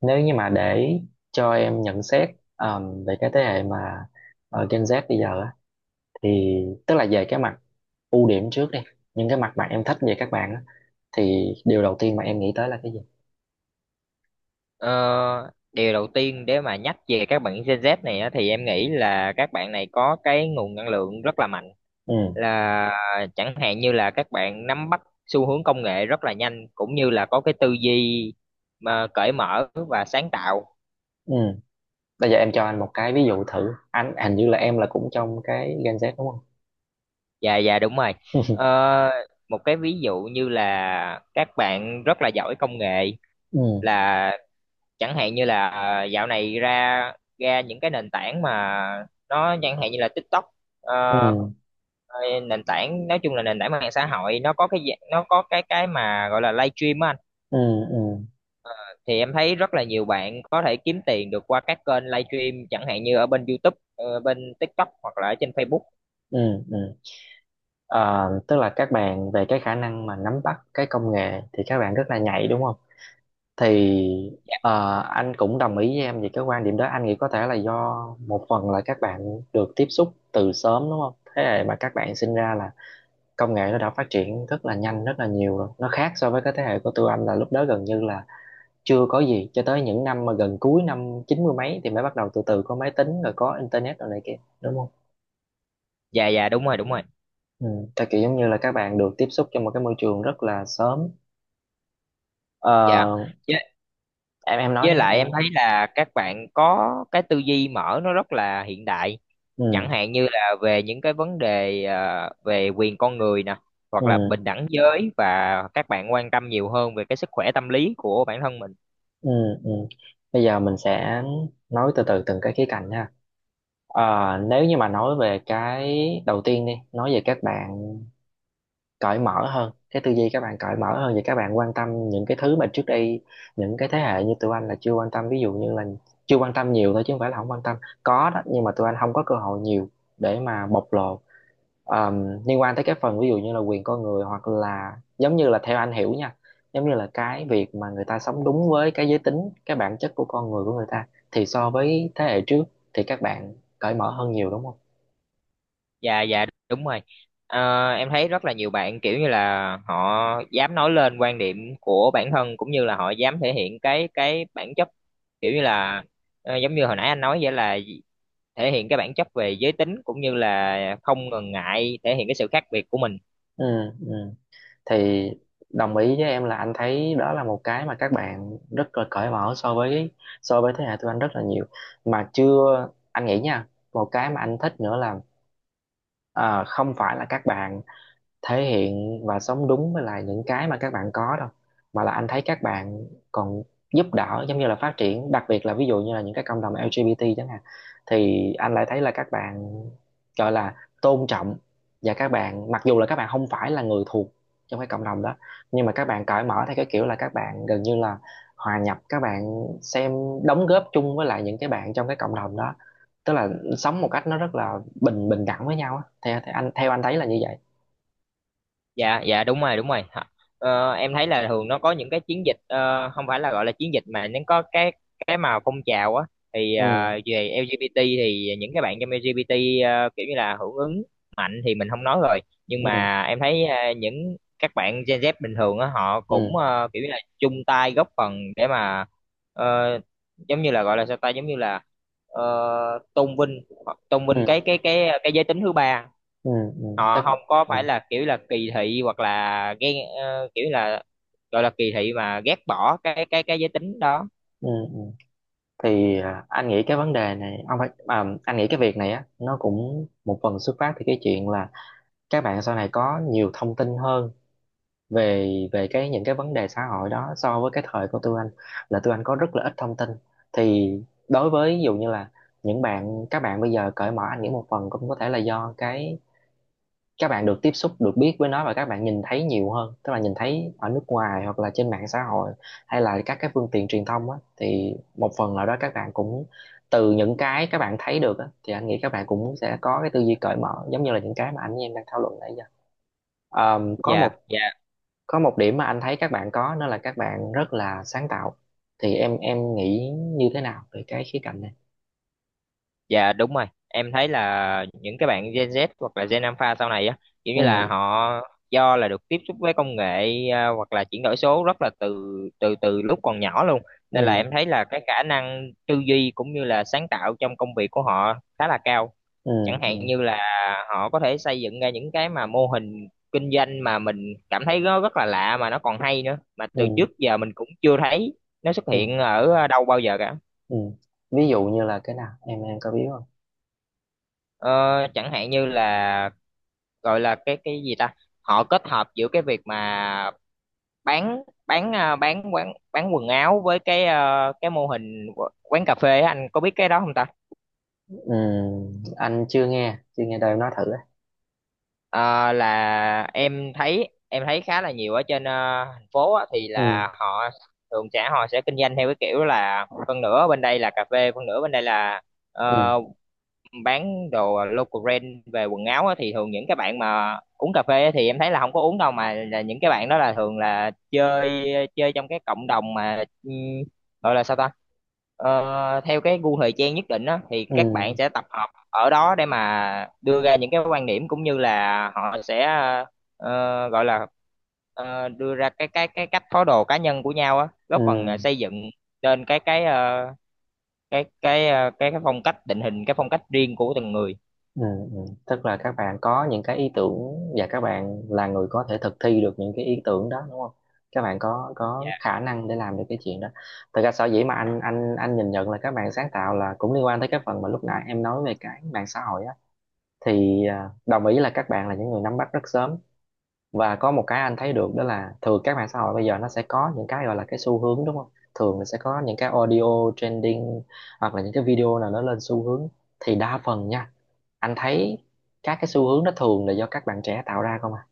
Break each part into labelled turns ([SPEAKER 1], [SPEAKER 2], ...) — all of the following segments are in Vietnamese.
[SPEAKER 1] Nếu như mà để cho em nhận xét về cái thế hệ mà Gen Z bây giờ á, thì tức là về cái mặt ưu điểm trước đi, những cái mặt mà em thích về các bạn á, thì điều đầu tiên mà em nghĩ tới là cái gì?
[SPEAKER 2] Ờ, Điều đầu tiên để mà nhắc về các bạn Gen Z này á, thì em nghĩ là các bạn này có cái nguồn năng lượng rất là mạnh
[SPEAKER 1] Ừ.
[SPEAKER 2] là chẳng hạn như là các bạn nắm bắt xu hướng công nghệ rất là nhanh cũng như là có cái tư duy mà cởi mở và sáng tạo.
[SPEAKER 1] Ừ. Bây giờ em cho anh một cái ví dụ thử. Anh hình như là em là cũng trong cái Gen Z đúng không?
[SPEAKER 2] Dạ dạ đúng rồi. Ờ, Một cái ví dụ như là các bạn rất là giỏi công nghệ
[SPEAKER 1] Ừ.
[SPEAKER 2] là chẳng hạn như là dạo này ra ra những cái nền tảng mà nó chẳng hạn như là TikTok. ờ,
[SPEAKER 1] Ừ.
[SPEAKER 2] Rồi nền tảng, nói chung là nền tảng mạng xã hội, nó có cái nó có cái mà gọi là live stream á anh,
[SPEAKER 1] Ừ. Ừ.
[SPEAKER 2] thì em thấy rất là nhiều bạn có thể kiếm tiền được qua các kênh live stream chẳng hạn như ở bên YouTube, bên TikTok hoặc là ở trên Facebook.
[SPEAKER 1] Ừ. Ừ. Tức là các bạn về cái khả năng mà nắm bắt cái công nghệ thì các bạn rất là nhạy đúng không? Thì
[SPEAKER 2] Dạ
[SPEAKER 1] anh cũng đồng ý với em về cái quan điểm đó. Anh nghĩ có thể là do một phần là các bạn được tiếp xúc từ sớm đúng không? Thế hệ mà các bạn sinh ra là công nghệ nó đã phát triển rất là nhanh, rất là nhiều rồi. Nó khác so với cái thế hệ của tụi anh, là lúc đó gần như là chưa có gì, cho tới những năm mà gần cuối năm chín mươi mấy thì mới bắt đầu từ từ có máy tính rồi có internet rồi này kia đúng không?
[SPEAKER 2] dạ dạ, đúng rồi đúng rồi.
[SPEAKER 1] Ừ. Tại kiểu giống như là các bạn được tiếp xúc trong một cái môi trường rất là sớm.
[SPEAKER 2] Dạ,
[SPEAKER 1] Ờ,
[SPEAKER 2] với,
[SPEAKER 1] em nói
[SPEAKER 2] với
[SPEAKER 1] đi
[SPEAKER 2] lại
[SPEAKER 1] em.
[SPEAKER 2] em thấy là các bạn có cái tư duy mở, nó rất là hiện đại,
[SPEAKER 1] Ừ.
[SPEAKER 2] chẳng hạn như là về những cái vấn đề về quyền con người nè, hoặc là
[SPEAKER 1] Ừ.
[SPEAKER 2] bình đẳng giới, và các bạn quan tâm nhiều hơn về cái sức khỏe tâm lý của bản thân mình.
[SPEAKER 1] Ừ, ừ. Bây giờ mình sẽ nói từ từ từng cái khía cạnh nha. Ờ, Nếu như mà nói về cái đầu tiên đi, nói về các bạn cởi mở hơn, cái tư duy các bạn cởi mở hơn, và các bạn quan tâm những cái thứ mà trước đây những cái thế hệ như tụi anh là chưa quan tâm. Ví dụ như là chưa quan tâm nhiều thôi chứ không phải là không quan tâm, có đó, nhưng mà tụi anh không có cơ hội nhiều để mà bộc lộ. Liên quan tới cái phần ví dụ như là quyền con người, hoặc là giống như là theo anh hiểu nha, giống như là cái việc mà người ta sống đúng với cái giới tính, cái bản chất của con người của người ta, thì so với thế hệ trước thì các bạn cởi mở hơn nhiều đúng không?
[SPEAKER 2] Dạ dạ đúng rồi. Em thấy rất là nhiều bạn kiểu như là họ dám nói lên quan điểm của bản thân, cũng như là họ dám thể hiện cái bản chất, kiểu như là giống như hồi nãy anh nói vậy, là thể hiện cái bản chất về giới tính, cũng như là không ngần ngại thể hiện cái sự khác biệt của mình.
[SPEAKER 1] Ừ, ừ. Thì đồng ý với em là anh thấy đó là một cái mà các bạn rất là cởi mở so với thế hệ tụi anh rất là nhiều. Mà chưa, anh nghĩ nha, một cái mà anh thích nữa là, à, không phải là các bạn thể hiện và sống đúng với lại những cái mà các bạn có đâu, mà là anh thấy các bạn còn giúp đỡ, giống như là phát triển, đặc biệt là ví dụ như là những cái cộng đồng LGBT chẳng hạn. Thì anh lại thấy là các bạn gọi là tôn trọng, và các bạn, mặc dù là các bạn không phải là người thuộc trong cái cộng đồng đó, nhưng mà các bạn cởi mở theo cái kiểu là các bạn gần như là hòa nhập, các bạn xem, đóng góp chung với lại những cái bạn trong cái cộng đồng đó. Tức là sống một cách nó rất là bình bình đẳng với nhau á, theo, theo anh thấy là như vậy.
[SPEAKER 2] Dạ dạ đúng rồi đúng rồi. Hả? Em thấy là thường nó có những cái chiến dịch, không phải là gọi là chiến dịch, mà nó có cái mà phong trào á, thì
[SPEAKER 1] Ừ.
[SPEAKER 2] về LGBT thì những cái bạn trong LGBT kiểu như là hưởng ứng mạnh thì mình không nói rồi, nhưng
[SPEAKER 1] Ừ.
[SPEAKER 2] mà em thấy những các bạn Gen Z bình thường á họ cũng
[SPEAKER 1] Ừ.
[SPEAKER 2] kiểu như là chung tay góp phần để mà ờ, giống như là gọi là sao ta, giống như là ờ, tôn vinh tôn vinh
[SPEAKER 1] Ừ.
[SPEAKER 2] cái giới tính thứ ba.
[SPEAKER 1] Ừ. Ừ
[SPEAKER 2] Họ
[SPEAKER 1] chắc.
[SPEAKER 2] không có phải
[SPEAKER 1] Ừ.
[SPEAKER 2] là kiểu là kỳ thị, hoặc là ghen, kiểu là gọi là kỳ thị mà ghét bỏ cái giới tính đó.
[SPEAKER 1] Ừ. Ừ. Thì à, anh nghĩ cái vấn đề này ông phải, à, anh nghĩ cái việc này á, nó cũng một phần xuất phát từ cái chuyện là các bạn sau này có nhiều thông tin hơn về về cái những cái vấn đề xã hội đó so với cái thời của tụi anh, là tụi anh có rất là ít thông tin. Thì đối với ví dụ như là những bạn, các bạn bây giờ cởi mở, anh nghĩ một phần cũng có thể là do cái các bạn được tiếp xúc, được biết với nó, và các bạn nhìn thấy nhiều hơn, tức là nhìn thấy ở nước ngoài, hoặc là trên mạng xã hội, hay là các cái phương tiện truyền thông á, thì một phần nào đó các bạn cũng từ những cái các bạn thấy được á thì anh nghĩ các bạn cũng sẽ có cái tư duy cởi mở giống như là những cái mà anh với em đang thảo luận nãy giờ. Ờm, có
[SPEAKER 2] Dạ
[SPEAKER 1] một
[SPEAKER 2] dạ
[SPEAKER 1] có một điểm mà anh thấy các bạn có đó là các bạn rất là sáng tạo. Thì em nghĩ như thế nào về cái khía cạnh này?
[SPEAKER 2] dạ đúng rồi, em thấy là những cái bạn Gen Z hoặc là Gen Alpha sau này á kiểu như là
[SPEAKER 1] Ừ.
[SPEAKER 2] họ do là được tiếp xúc với công nghệ, à, hoặc là chuyển đổi số rất là từ từ từ lúc còn nhỏ luôn, nên là em
[SPEAKER 1] Ừ.
[SPEAKER 2] thấy là cái khả năng tư duy cũng như là sáng tạo trong công việc của họ khá là cao,
[SPEAKER 1] Ừ.
[SPEAKER 2] chẳng
[SPEAKER 1] Ừ.
[SPEAKER 2] hạn như là họ có thể xây dựng ra những cái mà mô hình kinh doanh mà mình cảm thấy nó rất là lạ mà nó còn hay nữa, mà từ
[SPEAKER 1] Ừ.
[SPEAKER 2] trước giờ mình cũng chưa thấy nó xuất
[SPEAKER 1] Ừ,
[SPEAKER 2] hiện ở đâu bao giờ cả.
[SPEAKER 1] ừ. Ví dụ như là cái nào em có biết không?
[SPEAKER 2] ờ, Chẳng hạn như là gọi là cái gì ta, họ kết hợp giữa cái việc mà bán à, bán quần áo với cái cái mô hình quán cà phê á, anh có biết cái đó không ta?
[SPEAKER 1] Ừ, anh chưa nghe chưa nghe đâu, nói thử á.
[SPEAKER 2] Ờ, là em thấy, em thấy khá là nhiều ở trên, thành phố á, thì
[SPEAKER 1] Ừ,
[SPEAKER 2] là họ thường sẽ họ sẽ kinh doanh theo cái kiểu là phân nửa bên đây là cà phê, phân nửa bên đây là
[SPEAKER 1] ừ,
[SPEAKER 2] ờ, bán đồ local brand về quần áo á, thì thường những cái bạn mà uống cà phê á, thì em thấy là không có uống đâu, mà là những cái bạn đó là thường là chơi chơi trong cái cộng đồng mà, ừ, gọi là sao ta, theo cái gu thời trang nhất định á, thì các bạn
[SPEAKER 1] ừ,
[SPEAKER 2] sẽ tập hợp ở đó để mà đưa ra những cái quan điểm cũng như là họ sẽ gọi là đưa ra cái cách thói đồ cá nhân của nhau á,
[SPEAKER 1] ừ,
[SPEAKER 2] góp phần xây dựng lên cái cái cái phong cách, định hình cái phong cách riêng của từng người.
[SPEAKER 1] ừ, ừ. Tức là các bạn có những cái ý tưởng và các bạn là người có thể thực thi được những cái ý tưởng đó đúng không? Các bạn có
[SPEAKER 2] Dạ.
[SPEAKER 1] khả năng để làm được cái chuyện đó. Thật ra sở dĩ mà anh nhìn nhận là các bạn sáng tạo là cũng liên quan tới cái phần mà lúc nãy em nói về cái mạng xã hội á. Thì à, đồng ý là các bạn là những người nắm bắt rất sớm, và có một cái anh thấy được đó là thường các mạng xã hội bây giờ nó sẽ có những cái gọi là cái xu hướng đúng không? Thường là sẽ có những cái audio trending, hoặc là những cái video nào nó lên xu hướng. Thì đa phần nha, anh thấy các cái xu hướng nó thường là do các bạn trẻ tạo ra không à.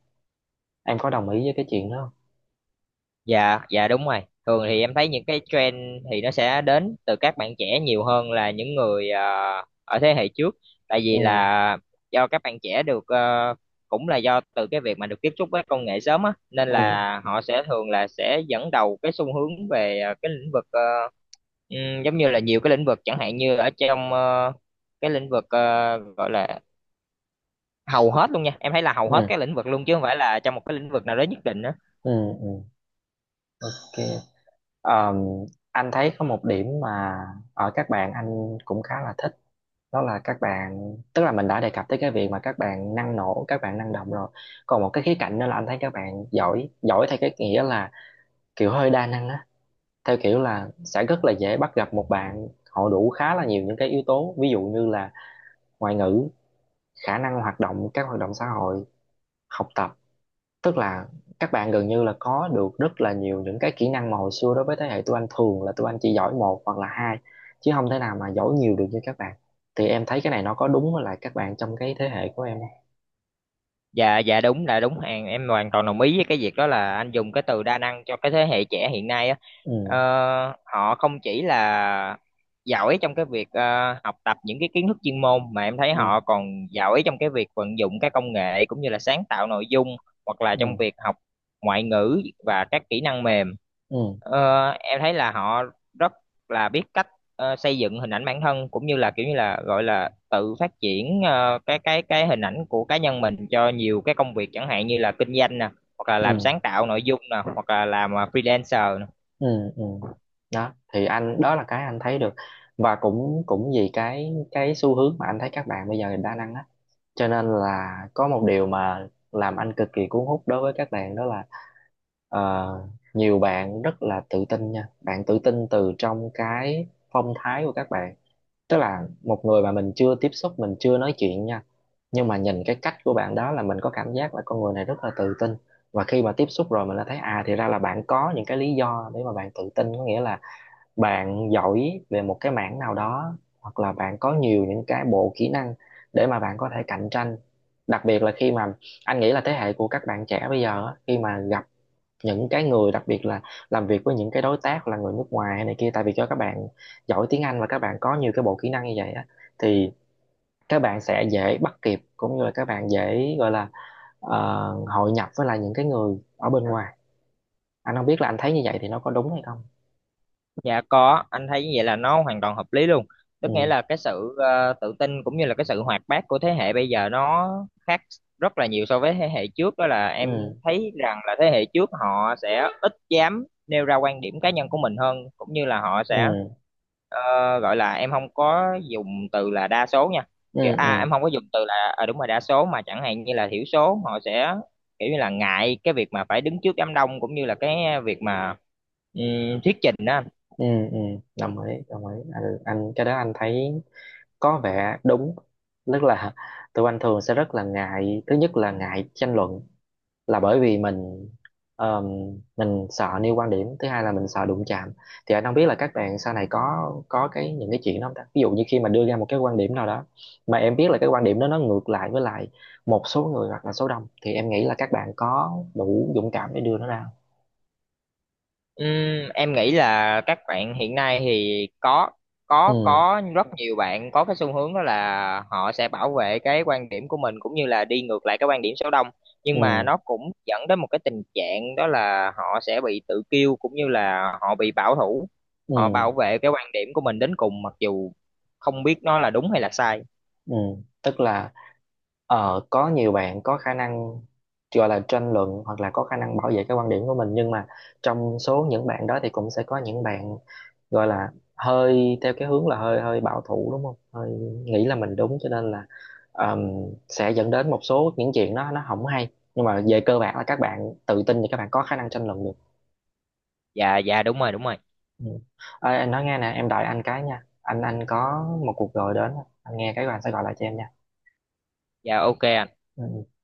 [SPEAKER 1] Em có đồng ý với cái chuyện đó không?
[SPEAKER 2] Dạ dạ đúng rồi, thường thì em thấy những cái trend thì nó sẽ đến từ các bạn trẻ nhiều hơn là những người ở thế hệ trước, tại
[SPEAKER 1] Ừ.
[SPEAKER 2] vì là do các bạn trẻ được, cũng là do từ cái việc mà được tiếp xúc với công nghệ sớm á, nên
[SPEAKER 1] Ừ.
[SPEAKER 2] là họ sẽ thường là sẽ dẫn đầu cái xu hướng về cái lĩnh vực, giống như là nhiều cái lĩnh vực, chẳng hạn như ở trong cái lĩnh vực gọi là, hầu hết luôn nha, em thấy là hầu hết
[SPEAKER 1] Ừ.
[SPEAKER 2] các lĩnh vực luôn, chứ không phải là trong một cái lĩnh vực nào đó nhất định á.
[SPEAKER 1] Ừ, ừ. Ok. Ờ, anh thấy có một điểm mà ở các bạn anh cũng khá là thích. Đó là các bạn, tức là mình đã đề cập tới cái việc mà các bạn năng nổ, các bạn năng động rồi. Còn một cái khía cạnh nữa là anh thấy các bạn giỏi, giỏi theo cái nghĩa là kiểu hơi đa năng á. Theo kiểu là sẽ rất là dễ bắt gặp một bạn họ đủ khá là nhiều những cái yếu tố, ví dụ như là ngoại ngữ, khả năng hoạt động, các hoạt động xã hội, học tập. Tức là các bạn gần như là có được rất là nhiều những cái kỹ năng mà hồi xưa đối với thế hệ tụi anh, thường là tụi anh chỉ giỏi một hoặc là hai, chứ không thể nào mà giỏi nhiều được như các bạn. Thì em thấy cái này nó có đúng với lại các bạn trong cái thế hệ của em không?
[SPEAKER 2] Dạ dạ đúng là đúng hàng, em hoàn toàn đồng ý với cái việc đó, là anh dùng cái từ đa năng cho cái thế hệ trẻ hiện nay á. ờ,
[SPEAKER 1] Ừ.
[SPEAKER 2] Họ không chỉ là giỏi trong cái việc học tập những cái kiến thức chuyên môn, mà em thấy
[SPEAKER 1] Ừ.
[SPEAKER 2] họ còn giỏi trong cái việc vận dụng các công nghệ cũng như là sáng tạo nội dung, hoặc là trong
[SPEAKER 1] Ừ.
[SPEAKER 2] việc học ngoại ngữ và các kỹ năng mềm.
[SPEAKER 1] Ừ.
[SPEAKER 2] Em thấy là họ rất là biết cách xây dựng hình ảnh bản thân, cũng như là kiểu như là gọi là tự phát triển cái hình ảnh của cá nhân mình cho nhiều cái công việc, chẳng hạn như là kinh doanh nè, hoặc là làm
[SPEAKER 1] Ừ.
[SPEAKER 2] sáng tạo nội dung nè, hoặc là làm freelancer.
[SPEAKER 1] Ừ. Ừ. Đó thì anh, đó là cái anh thấy được, và cũng cũng vì cái xu hướng mà anh thấy các bạn bây giờ đa năng á, cho nên là có một điều mà làm anh cực kỳ cuốn hút đối với các bạn, đó là, Ờ, nhiều bạn rất là tự tin nha, bạn tự tin từ trong cái phong thái của các bạn. Tức là một người mà mình chưa tiếp xúc, mình chưa nói chuyện nha, nhưng mà nhìn cái cách của bạn đó là mình có cảm giác là con người này rất là tự tin. Và khi mà tiếp xúc rồi mình đã thấy à, thì ra là bạn có những cái lý do để mà bạn tự tin. Có nghĩa là bạn giỏi về một cái mảng nào đó, hoặc là bạn có nhiều những cái bộ kỹ năng để mà bạn có thể cạnh tranh. Đặc biệt là khi mà, anh nghĩ là thế hệ của các bạn trẻ bây giờ á, khi mà gặp những cái người, đặc biệt là làm việc với những cái đối tác là người nước ngoài hay này kia, tại vì cho các bạn giỏi tiếng Anh và các bạn có nhiều cái bộ kỹ năng như vậy á, thì các bạn sẽ dễ bắt kịp, cũng như là các bạn dễ gọi là ờ, hội nhập với lại những cái người ở bên ngoài. Anh không biết là anh thấy như vậy thì nó có đúng hay không.
[SPEAKER 2] Dạ có, anh thấy như vậy là nó hoàn toàn hợp lý luôn. Tức nghĩa
[SPEAKER 1] Ừ.
[SPEAKER 2] là cái sự tự tin cũng như là cái sự hoạt bát của thế hệ bây giờ nó khác rất là nhiều so với thế hệ trước, đó là em
[SPEAKER 1] Ừ.
[SPEAKER 2] thấy rằng là thế hệ trước họ sẽ ít dám nêu ra quan điểm cá nhân của mình hơn, cũng như là họ sẽ
[SPEAKER 1] Ừ.
[SPEAKER 2] ờ, gọi là, em không có dùng từ là đa số nha.
[SPEAKER 1] Ừ.
[SPEAKER 2] Kiểu
[SPEAKER 1] Ừ.
[SPEAKER 2] em không có dùng từ là, đúng rồi, đa số, mà chẳng hạn như là thiểu số, họ sẽ kiểu như là ngại cái việc mà phải đứng trước đám đông, cũng như là cái việc mà thuyết trình đó.
[SPEAKER 1] Ừ. Ừ. Đồng ý, đồng ý anh, cái đó anh thấy có vẻ đúng. Tức là tụi anh thường sẽ rất là ngại, thứ nhất là ngại tranh luận, là bởi vì mình, ờm, mình sợ nêu quan điểm. Thứ hai là mình sợ đụng chạm. Thì anh không biết là các bạn sau này có cái những cái chuyện đó không ta. Ví dụ như khi mà đưa ra một cái quan điểm nào đó mà em biết là cái quan điểm đó nó ngược lại với lại một số người hoặc là số đông, thì em nghĩ là các bạn có đủ dũng cảm để đưa nó ra không?
[SPEAKER 2] Ừm, em nghĩ là các bạn hiện nay thì
[SPEAKER 1] Ừ.
[SPEAKER 2] có rất nhiều bạn có cái xu hướng đó là họ sẽ bảo vệ cái quan điểm của mình cũng như là đi ngược lại cái quan điểm số đông, nhưng mà
[SPEAKER 1] Ừ.
[SPEAKER 2] nó cũng dẫn đến một cái tình trạng đó là họ sẽ bị tự kiêu cũng như là họ bị bảo thủ, họ
[SPEAKER 1] Ừ.
[SPEAKER 2] bảo vệ cái quan điểm của mình đến cùng mặc dù không biết nó là đúng hay là sai.
[SPEAKER 1] Ừ. Tức là có nhiều bạn có khả năng gọi là tranh luận, hoặc là có khả năng bảo vệ cái quan điểm của mình, nhưng mà trong số những bạn đó thì cũng sẽ có những bạn gọi là hơi theo cái hướng là hơi hơi bảo thủ đúng không, hơi nghĩ là mình đúng, cho nên là ừm, sẽ dẫn đến một số những chuyện nó không hay. Nhưng mà về cơ bản là các bạn tự tin thì các bạn có khả năng tranh luận được.
[SPEAKER 2] Dạ dạ đúng rồi đúng rồi.
[SPEAKER 1] Ừ. Ê, anh nói nghe nè, em đợi anh cái nha, anh có một cuộc gọi đến, anh nghe cái rồi anh sẽ gọi lại cho em nha.
[SPEAKER 2] Dạ ok ạ.
[SPEAKER 1] Ừ.